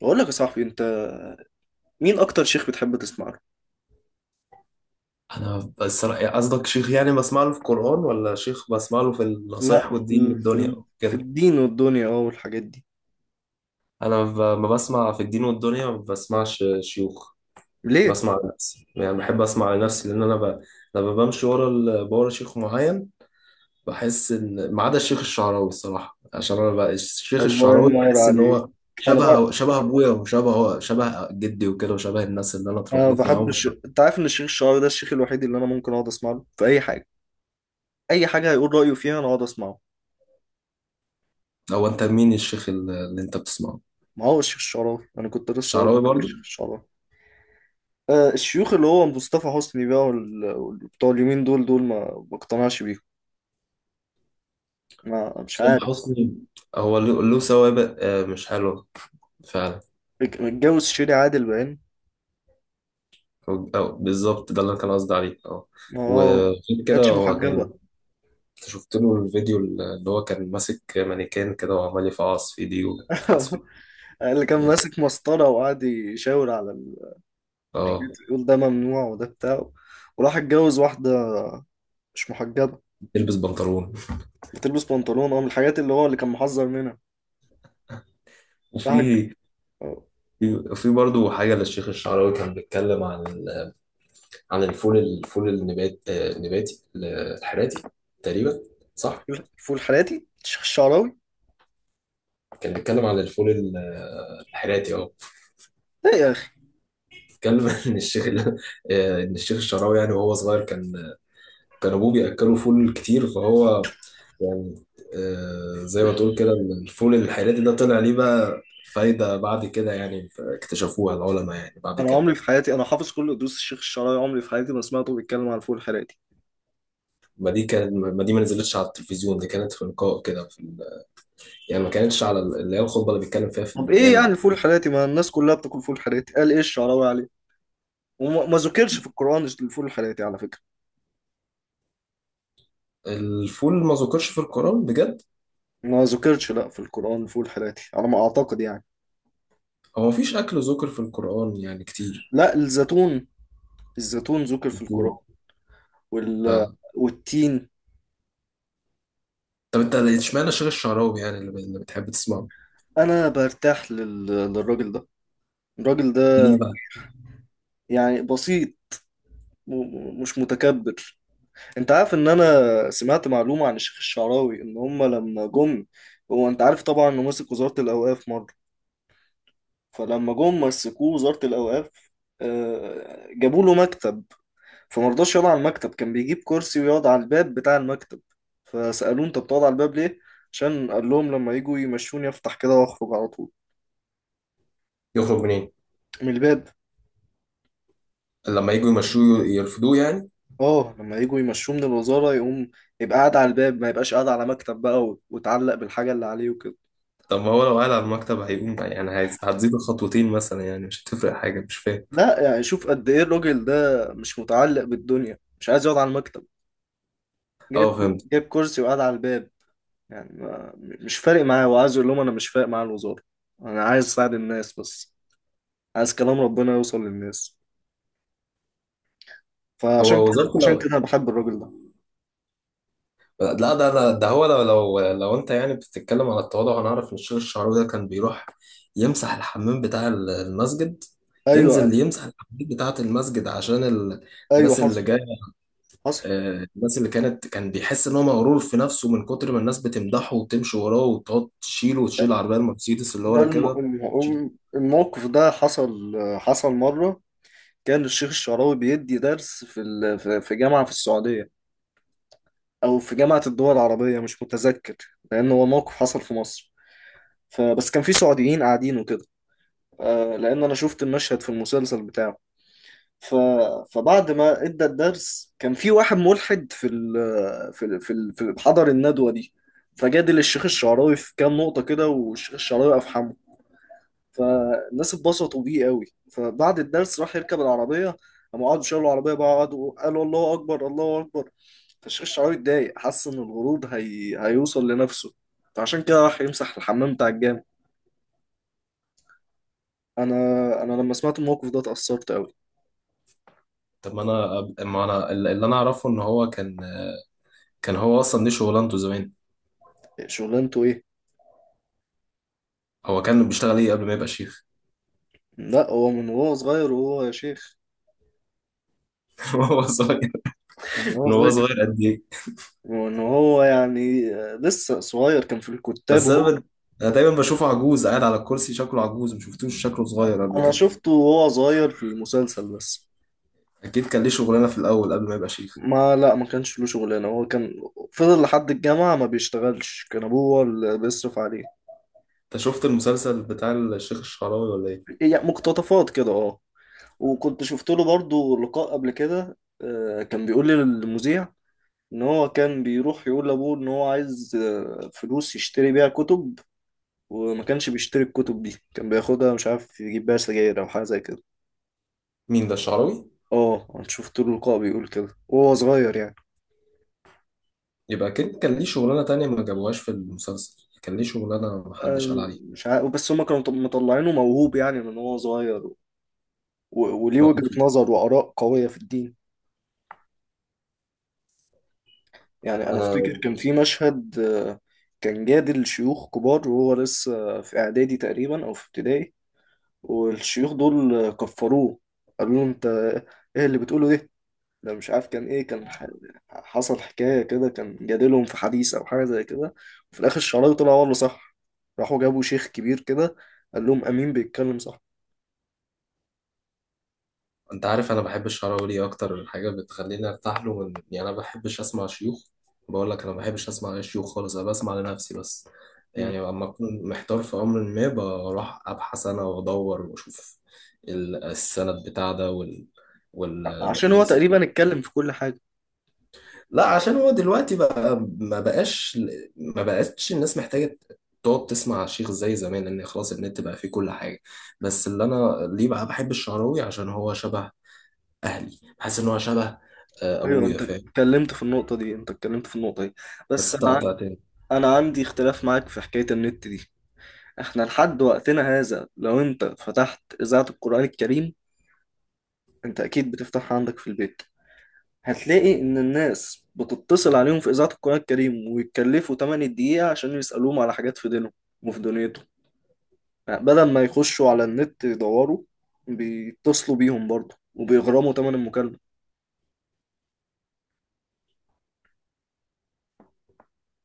بقول لك يا صاحبي انت، مين اكتر شيخ بتحب تسمع له؟ انا بس قصدك شيخ يعني بسمع له في القرآن ولا شيخ بسمع له في لا النصايح والدين والدنيا في وكده. الدين والدنيا والحاجات دي. ما بسمع في الدين والدنيا، ما بسمعش شيوخ. ليه؟ بسمع لنفسي، يعني بحب اسمع لنفسي لان لما بمشي ورا شيخ معين بحس ان ما عدا الشيخ الشعراوي الصراحة. عشان انا بقى الشيخ الله الشعراوي ينور بحس ان عليك. هو انا شبه بقى شبه ابويا وشبه شبه جدي وكده، وشبه الناس اللي انا انا اتربيت بحب معاهم. انت عارف ان الشيخ الشعراوي ده الشيخ الوحيد اللي انا ممكن اقعد اسمع له في اي حاجه، اي حاجه هيقول رايه فيها انا اقعد اسمعه. هو انت مين الشيخ اللي انت بتسمعه؟ ما هو الشيخ الشعراوي، انا كنت لسه هقول الشعراوي لك برضه. الشيخ الشعراوي. آه الشيوخ اللي هو مصطفى حسني بقى بتوع اليمين دول دول ما بقتنعش بيهم، ما مش حسام عارف. حسني هو له سوابق مش حلوة فعلا. متجوز شيري عادل باين. أو بالظبط ده اللي أنا كان قصدي عليه، اه. اه، وغير ما كده، كانتش هو كان محجبه. شفت له الفيديو اللي هو كان ماسك مانيكان كده وعمال يفعص في ايديه ويفعص في اللي كان ايديه، ماسك مسطرة وقعد يشاور على اه. الحاجات، يقول ده ممنوع وده بتاع. وراح اتجوز واحدة مش محجبة، يلبس بنطلون. بتلبس بنطلون، اه، من الحاجات اللي هو اللي كان محذر منها. راح اتج- وفي اه. في في برضه حاجة للشيخ الشعراوي، كان بيتكلم عن الفول، الفول النبات، النباتي الحراتي تقريبا، صح؟ الفول حراتي الشيخ الشعراوي. كان بيتكلم الحراتي، اه. ايه يا اخي. اتكلم ان الشيخ الشعراوي يعني وهو صغير كان كان ابوه بياكله فول كتير، فهو يعني زي ما تقول كده، الفول الحراتي ده طلع ليه بقى فايدة بعد كده يعني، اكتشفوها العلماء يعني بعد انا كده. عمري في حياتي، انا حافظ كل دروس الشيخ الشعراوي، عمري في حياتي ما سمعته بيتكلم عن الفول حراتي. ما دي ما نزلتش على التلفزيون، دي كانت في لقاء كده يعني ما كانتش على اللي هي الخطبة اللي بيتكلم فيها في طب ايه يعني الجامع. الفول الحراتي؟ ما الناس كلها بتاكل فول حراتي، قال ايه الشعراوي عليه؟ وما ما ذكرش في القرآن الفول الحراتي على فكرة. الفول ما ذكرش في القرآن بجد. ما ذكرش لا في القرآن الفول الحراتي على ما اعتقد يعني. هو مفيش أكل ذكر في القرآن يعني كتير، لا، الزيتون، الزيتون ذكر في كتير. القرآن. وال... والتين. طب انت اشمعنى شيخ الشعراوي يعني اللي بتحب تسمعه؟ أنا برتاح للراجل ده، الراجل ده ليه بقى؟ يعني بسيط، مش متكبر. أنت عارف إن أنا سمعت معلومة عن الشيخ الشعراوي، إن هما لما جم، هو أنت عارف طبعا إنه مسك وزارة الأوقاف مرة، فلما جم مسكوه وزارة الأوقاف، جابوا له مكتب. فمرضاش يقعد على المكتب، كان بيجيب كرسي ويقعد على الباب بتاع المكتب. فسألوه أنت بتقعد على الباب ليه؟ عشان قال لهم لما يجوا يمشوني افتح كده واخرج على طول يخرج منين؟ من الباب. لما يجوا يمشوه يرفضوه يعني؟ اه، لما يجوا يمشوه من الوزارة يقوم يبقى قاعد على الباب، ما يبقاش قاعد على مكتب بقى وتعلق بالحاجة اللي عليه وكده. طب ما هو لو قاعد على المكتب هيقوم يعني، هتزيد خطوتين مثلا، يعني مش هتفرق حاجه، مش فاهم. لا يعني شوف قد ايه الراجل ده، مش متعلق بالدنيا، مش عايز يقعد على المكتب، اه، جايب فهمت. جايب كرسي وقاعد على الباب. يعني ما مش فارق معاه، هو عايز يقول لهم انا مش فارق معايا الوزارة، انا عايز اساعد الناس بس، عايز كلام ربنا يوصل للناس. فعشان هو كده، وزارته عشان كده لو، انا بحب الراجل ده. لا ده هو لو انت يعني بتتكلم على التواضع، هنعرف ان الشيخ الشعراوي ده كان بيروح يمسح الحمام بتاع المسجد. ينزل ايوه. يمسح الحمام بتاعة المسجد عشان ايوه، الناس اللي حصل جاية، حصل الناس اللي كانت، كان بيحس ان هو مغرور في نفسه من كتر ما الناس بتمدحه وتمشي وراه وتقعد تشيله وتشيل العربيه المرسيدس اللي هو ده راكبها، تشيل. الموقف ده حصل. حصل مرة كان الشيخ الشعراوي بيدي درس في جامعة في السعودية، أو في جامعة الدول العربية مش متذكر. لأن هو موقف حصل في مصر، فبس كان في سعوديين قاعدين وكده. لأن أنا شفت المشهد في المسلسل بتاعه. ف... فبعد ما ادى الدرس كان في واحد ملحد في حضر الندوة دي. فجادل الشيخ الشعراوي في كام نقطة كده، والشيخ الشعراوي أفحمه. فالناس اتبسطوا بيه قوي. فبعد الدرس راح يركب العربية، قاموا قعدوا شالوا العربية بقى، قعدوا قالوا الله أكبر الله أكبر. فالشيخ الشعراوي اتضايق، حس إن الغرور هيوصل لنفسه. فعشان كده راح يمسح الحمام بتاع الجامع. أنا أنا لما سمعت الموقف ده اتأثرت قوي. طب ما انا أب- ما انا اللي انا اعرفه ان هو كان، كان هو اصلا دي شغلانته زمان. شغلانته إيه؟ هو كان بيشتغل ايه قبل ما يبقى شيخ؟ لا، هو من وهو صغير وهو يا شيخ. وهو صغير؟ من وهو من وهو صغير كان- صغير قد ايه؟ وإن هو يعني لسه صغير كان في الكتاب بس انا وهو. بد- انا دايما بشوفه عجوز قاعد على الكرسي، شكله عجوز، ما شفتوش شكله صغير قبل أنا كده. شفته وهو صغير في المسلسل بس. اكيد كان ليه شغلانه في الاول قبل ما يبقى شيخ. ما لا، ما كانش له شغلانه، هو كان فضل لحد الجامعه ما بيشتغلش، كان ابوه هو اللي بيصرف عليه. انت شفت المسلسل بتاع الشيخ الشعراوي ولا ايه؟ يعني مقتطفات كده اه. وكنت شفت له برضو لقاء قبل كده، كان بيقول لي للمذيع ان هو كان بيروح يقول لابوه ان هو عايز فلوس يشتري بيها كتب. وما كانش بيشتري الكتب دي، كان بياخدها مش عارف يجيب بيها سجاير او حاجه زي كده. مين ده الشعراوي؟ اه، انا شفت له لقاء بيقول كده وهو صغير يعني. يبقى أكيد كان ليه شغلانة تانية ما جابوهاش في المسلسل، كان ليه شغلانة محدش قال عليها. مش عارف، بس هما كانوا مطلعينه موهوب يعني من هو صغير، وليه هو وجهة نظر وآراء قوية في الدين. يعني أنا أنا، أفتكر كان في مشهد، كان جادل شيوخ كبار وهو لسه في إعدادي تقريبا أو في ابتدائي. والشيوخ دول كفروه، قالوا له أنت إيه اللي بتقوله ده؟ ده مش عارف كان إيه، حصل حكاية كده، كان جادلهم في حديث أو حاجة زي كده. وفي الآخر الشعراوي طلع هو اللي صح، راحوا جابوا شيخ كبير كده قال لهم أمين بيتكلم صح. أنت عارف أنا بحب الشراوي، أكتر حاجة بتخليني أرتاح له من، يعني أنا ما بحبش أسمع شيوخ. بقول لك أنا ما بحبش أسمع أي شيوخ خالص، أنا بسمع لنفسي بس. يعني مم. لما أكون محتار في أمر ما، بروح أبحث أنا وأدور وأشوف السند بتاع ده وال وال عشان هو تقريبا اتكلم في كل حاجة. لا، عشان هو دلوقتي بقى ما بقاش، ما بقتش الناس محتاجة تقعد تسمع شيخ زي زمان، لان خلاص النت بقى فيه كل حاجة. بس اللي انا ليه بقى بحب الشعراوي عشان هو شبه اهلي، بحس ان هو شبه ايوه، ابويا، انت فاهم؟ اتكلمت في النقطه دي، انت اتكلمت في النقطه دي. بس بس انت انا عن- قطعتني. انا عندي اختلاف معاك في حكايه النت دي. احنا لحد وقتنا هذا لو انت فتحت اذاعه القران الكريم، انت اكيد بتفتحها عندك في البيت، هتلاقي ان الناس بتتصل عليهم في اذاعه القران الكريم ويتكلفوا 8 دقيقه عشان يسالوهم على حاجات في دينهم وفي دنيتهم. يعني بدل ما يخشوا على النت يدوروا، بيتصلوا بيهم برضه وبيغرموا ثمن المكالمه.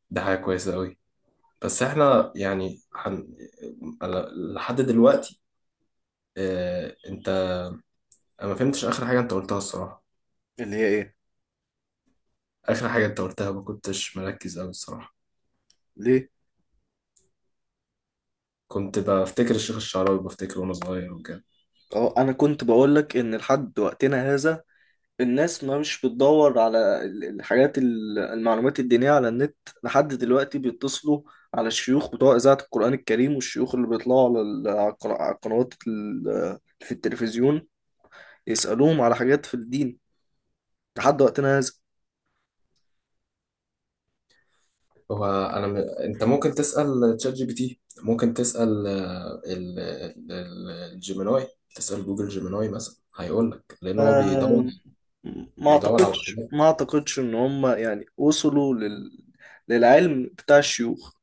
ده حاجة كويسة قوي. بس احنا يعني أنا لحد دلوقتي، آه، انت انا ما فهمتش اخر حاجة انت قلتها الصراحة. اللي هي ايه؟ اخر حاجة انت قلتها ما كنتش مركز قوي الصراحة. ليه؟ كنت بفتكر الشيخ الشعراوي، بفتكره وانا صغير وكده. اه، انا كنت بقول لك ان لحد وقتنا هذا الناس ما مش بتدور على ال- الحاجات ال- المعلومات الدينية على النت. لحد دلوقتي بيتصلوا على الشيوخ بتوع إذاعة القرآن الكريم، والشيوخ اللي بيطلعوا على على القنوات في التلفزيون، يسألوهم على حاجات في الدين لحد وقتنا هذا. انت ممكن تسال تشات جي بي تي، ممكن تسال الجيميناي. تسال جوجل جيميناي مثلا هيقول لك، لان هو بيدور، آم، ما بيدور على أعتقدش، حاجات. ما أعتقدش إن هم يعني وصلوا للعلم بتاع الشيوخ،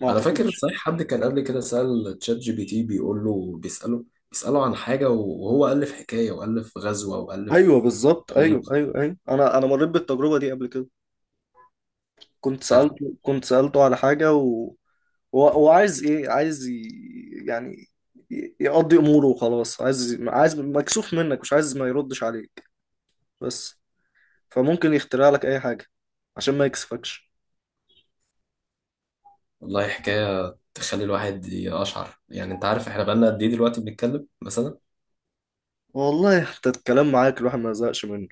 ما انا فاكر أعتقدش. صحيح حد كان قبل كده سال تشات جي بي تي، بيقول له، بيساله عن حاجه وهو الف حكايه والف غزوه والف أيوه بالظبط، أيوه تاريخ، أيوه أيوه، أنا مريت بالتجربة دي قبل كده. كنت صح. سألته، كنت سألته على حاجة هو عايز ايه، عايز يعني يقضي اموره وخلاص، عايز مكسوف منك، مش عايز ما يردش عليك بس، فممكن يخترع لك اي حاجه عشان ما يكسفكش. والله حكايه تخلي الواحد يقشعر، يعني انت عارف احنا بقالنا قد ايه دلوقتي بنتكلم مثلا. والله انت الكلام معاك الواحد ما يزهقش منه،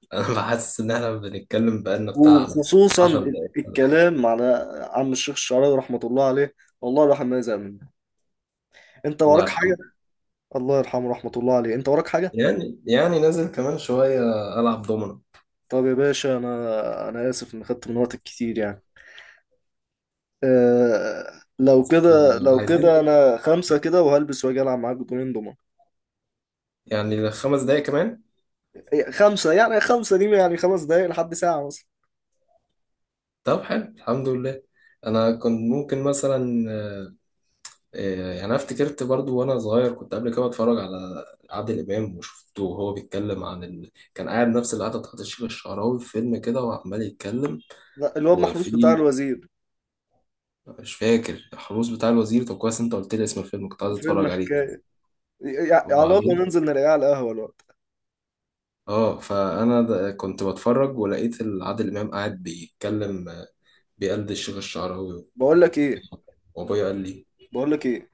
انا بحس ان احنا بنتكلم بقالنا بتاع وخصوصا 10 دقايق ولا حاجه. الكلام على عم الشيخ الشعراوي رحمه الله عليه. والله الواحد ما يزهق منه. انت الله وراك حاجه؟ يرحمه. الله يرحمه، رحمه الله عليه. انت وراك حاجه؟ يعني يعني نازل كمان شوية ألعب دومنا. طب يا باشا، انا اسف ان خدت من وقتك كتير يعني. لو كده، لو عايزين كده انا خمسة كده وهلبس واجي العب معاك بطولين دومنة. يعني 5 دقايق كمان. خمسة يعني، خمسة دي يعني خمس دقايق لحد ساعة مثلا. طب حلو، الحمد لله. أنا كنت ممكن مثلا يعني أنا افتكرت برضو وأنا صغير كنت قبل كده بتفرج على عادل إمام، وشفته وهو بيتكلم كان قاعد نفس القعدة بتاعت الشيخ الشعراوي في فيلم كده وعمال يتكلم. لا، الواد وفي، محروس بتاع الوزير. مش فاكر الحروس بتاع الوزير. طب كويس، أنت قلت لي اسم الفيلم، كنت عايز فيلم أتفرج عليه. حكاية، إيه، إيه، يعني على الله وبعدين ننزل نلاقيه على القهوة الوقت. اه، كنت بتفرج ولقيت عادل امام قاعد بيتكلم، بيقلد الشيخ الشعراوي، بقول لك ايه، وابويا قال لي بقول لك ايه،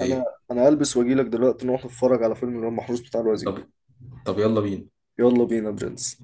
انا ايه. انا هلبس واجي لك دلوقتي نروح نتفرج على فيلم الواد محروس بتاع الوزير. طب، طب يلا بينا. يلا بينا برنس.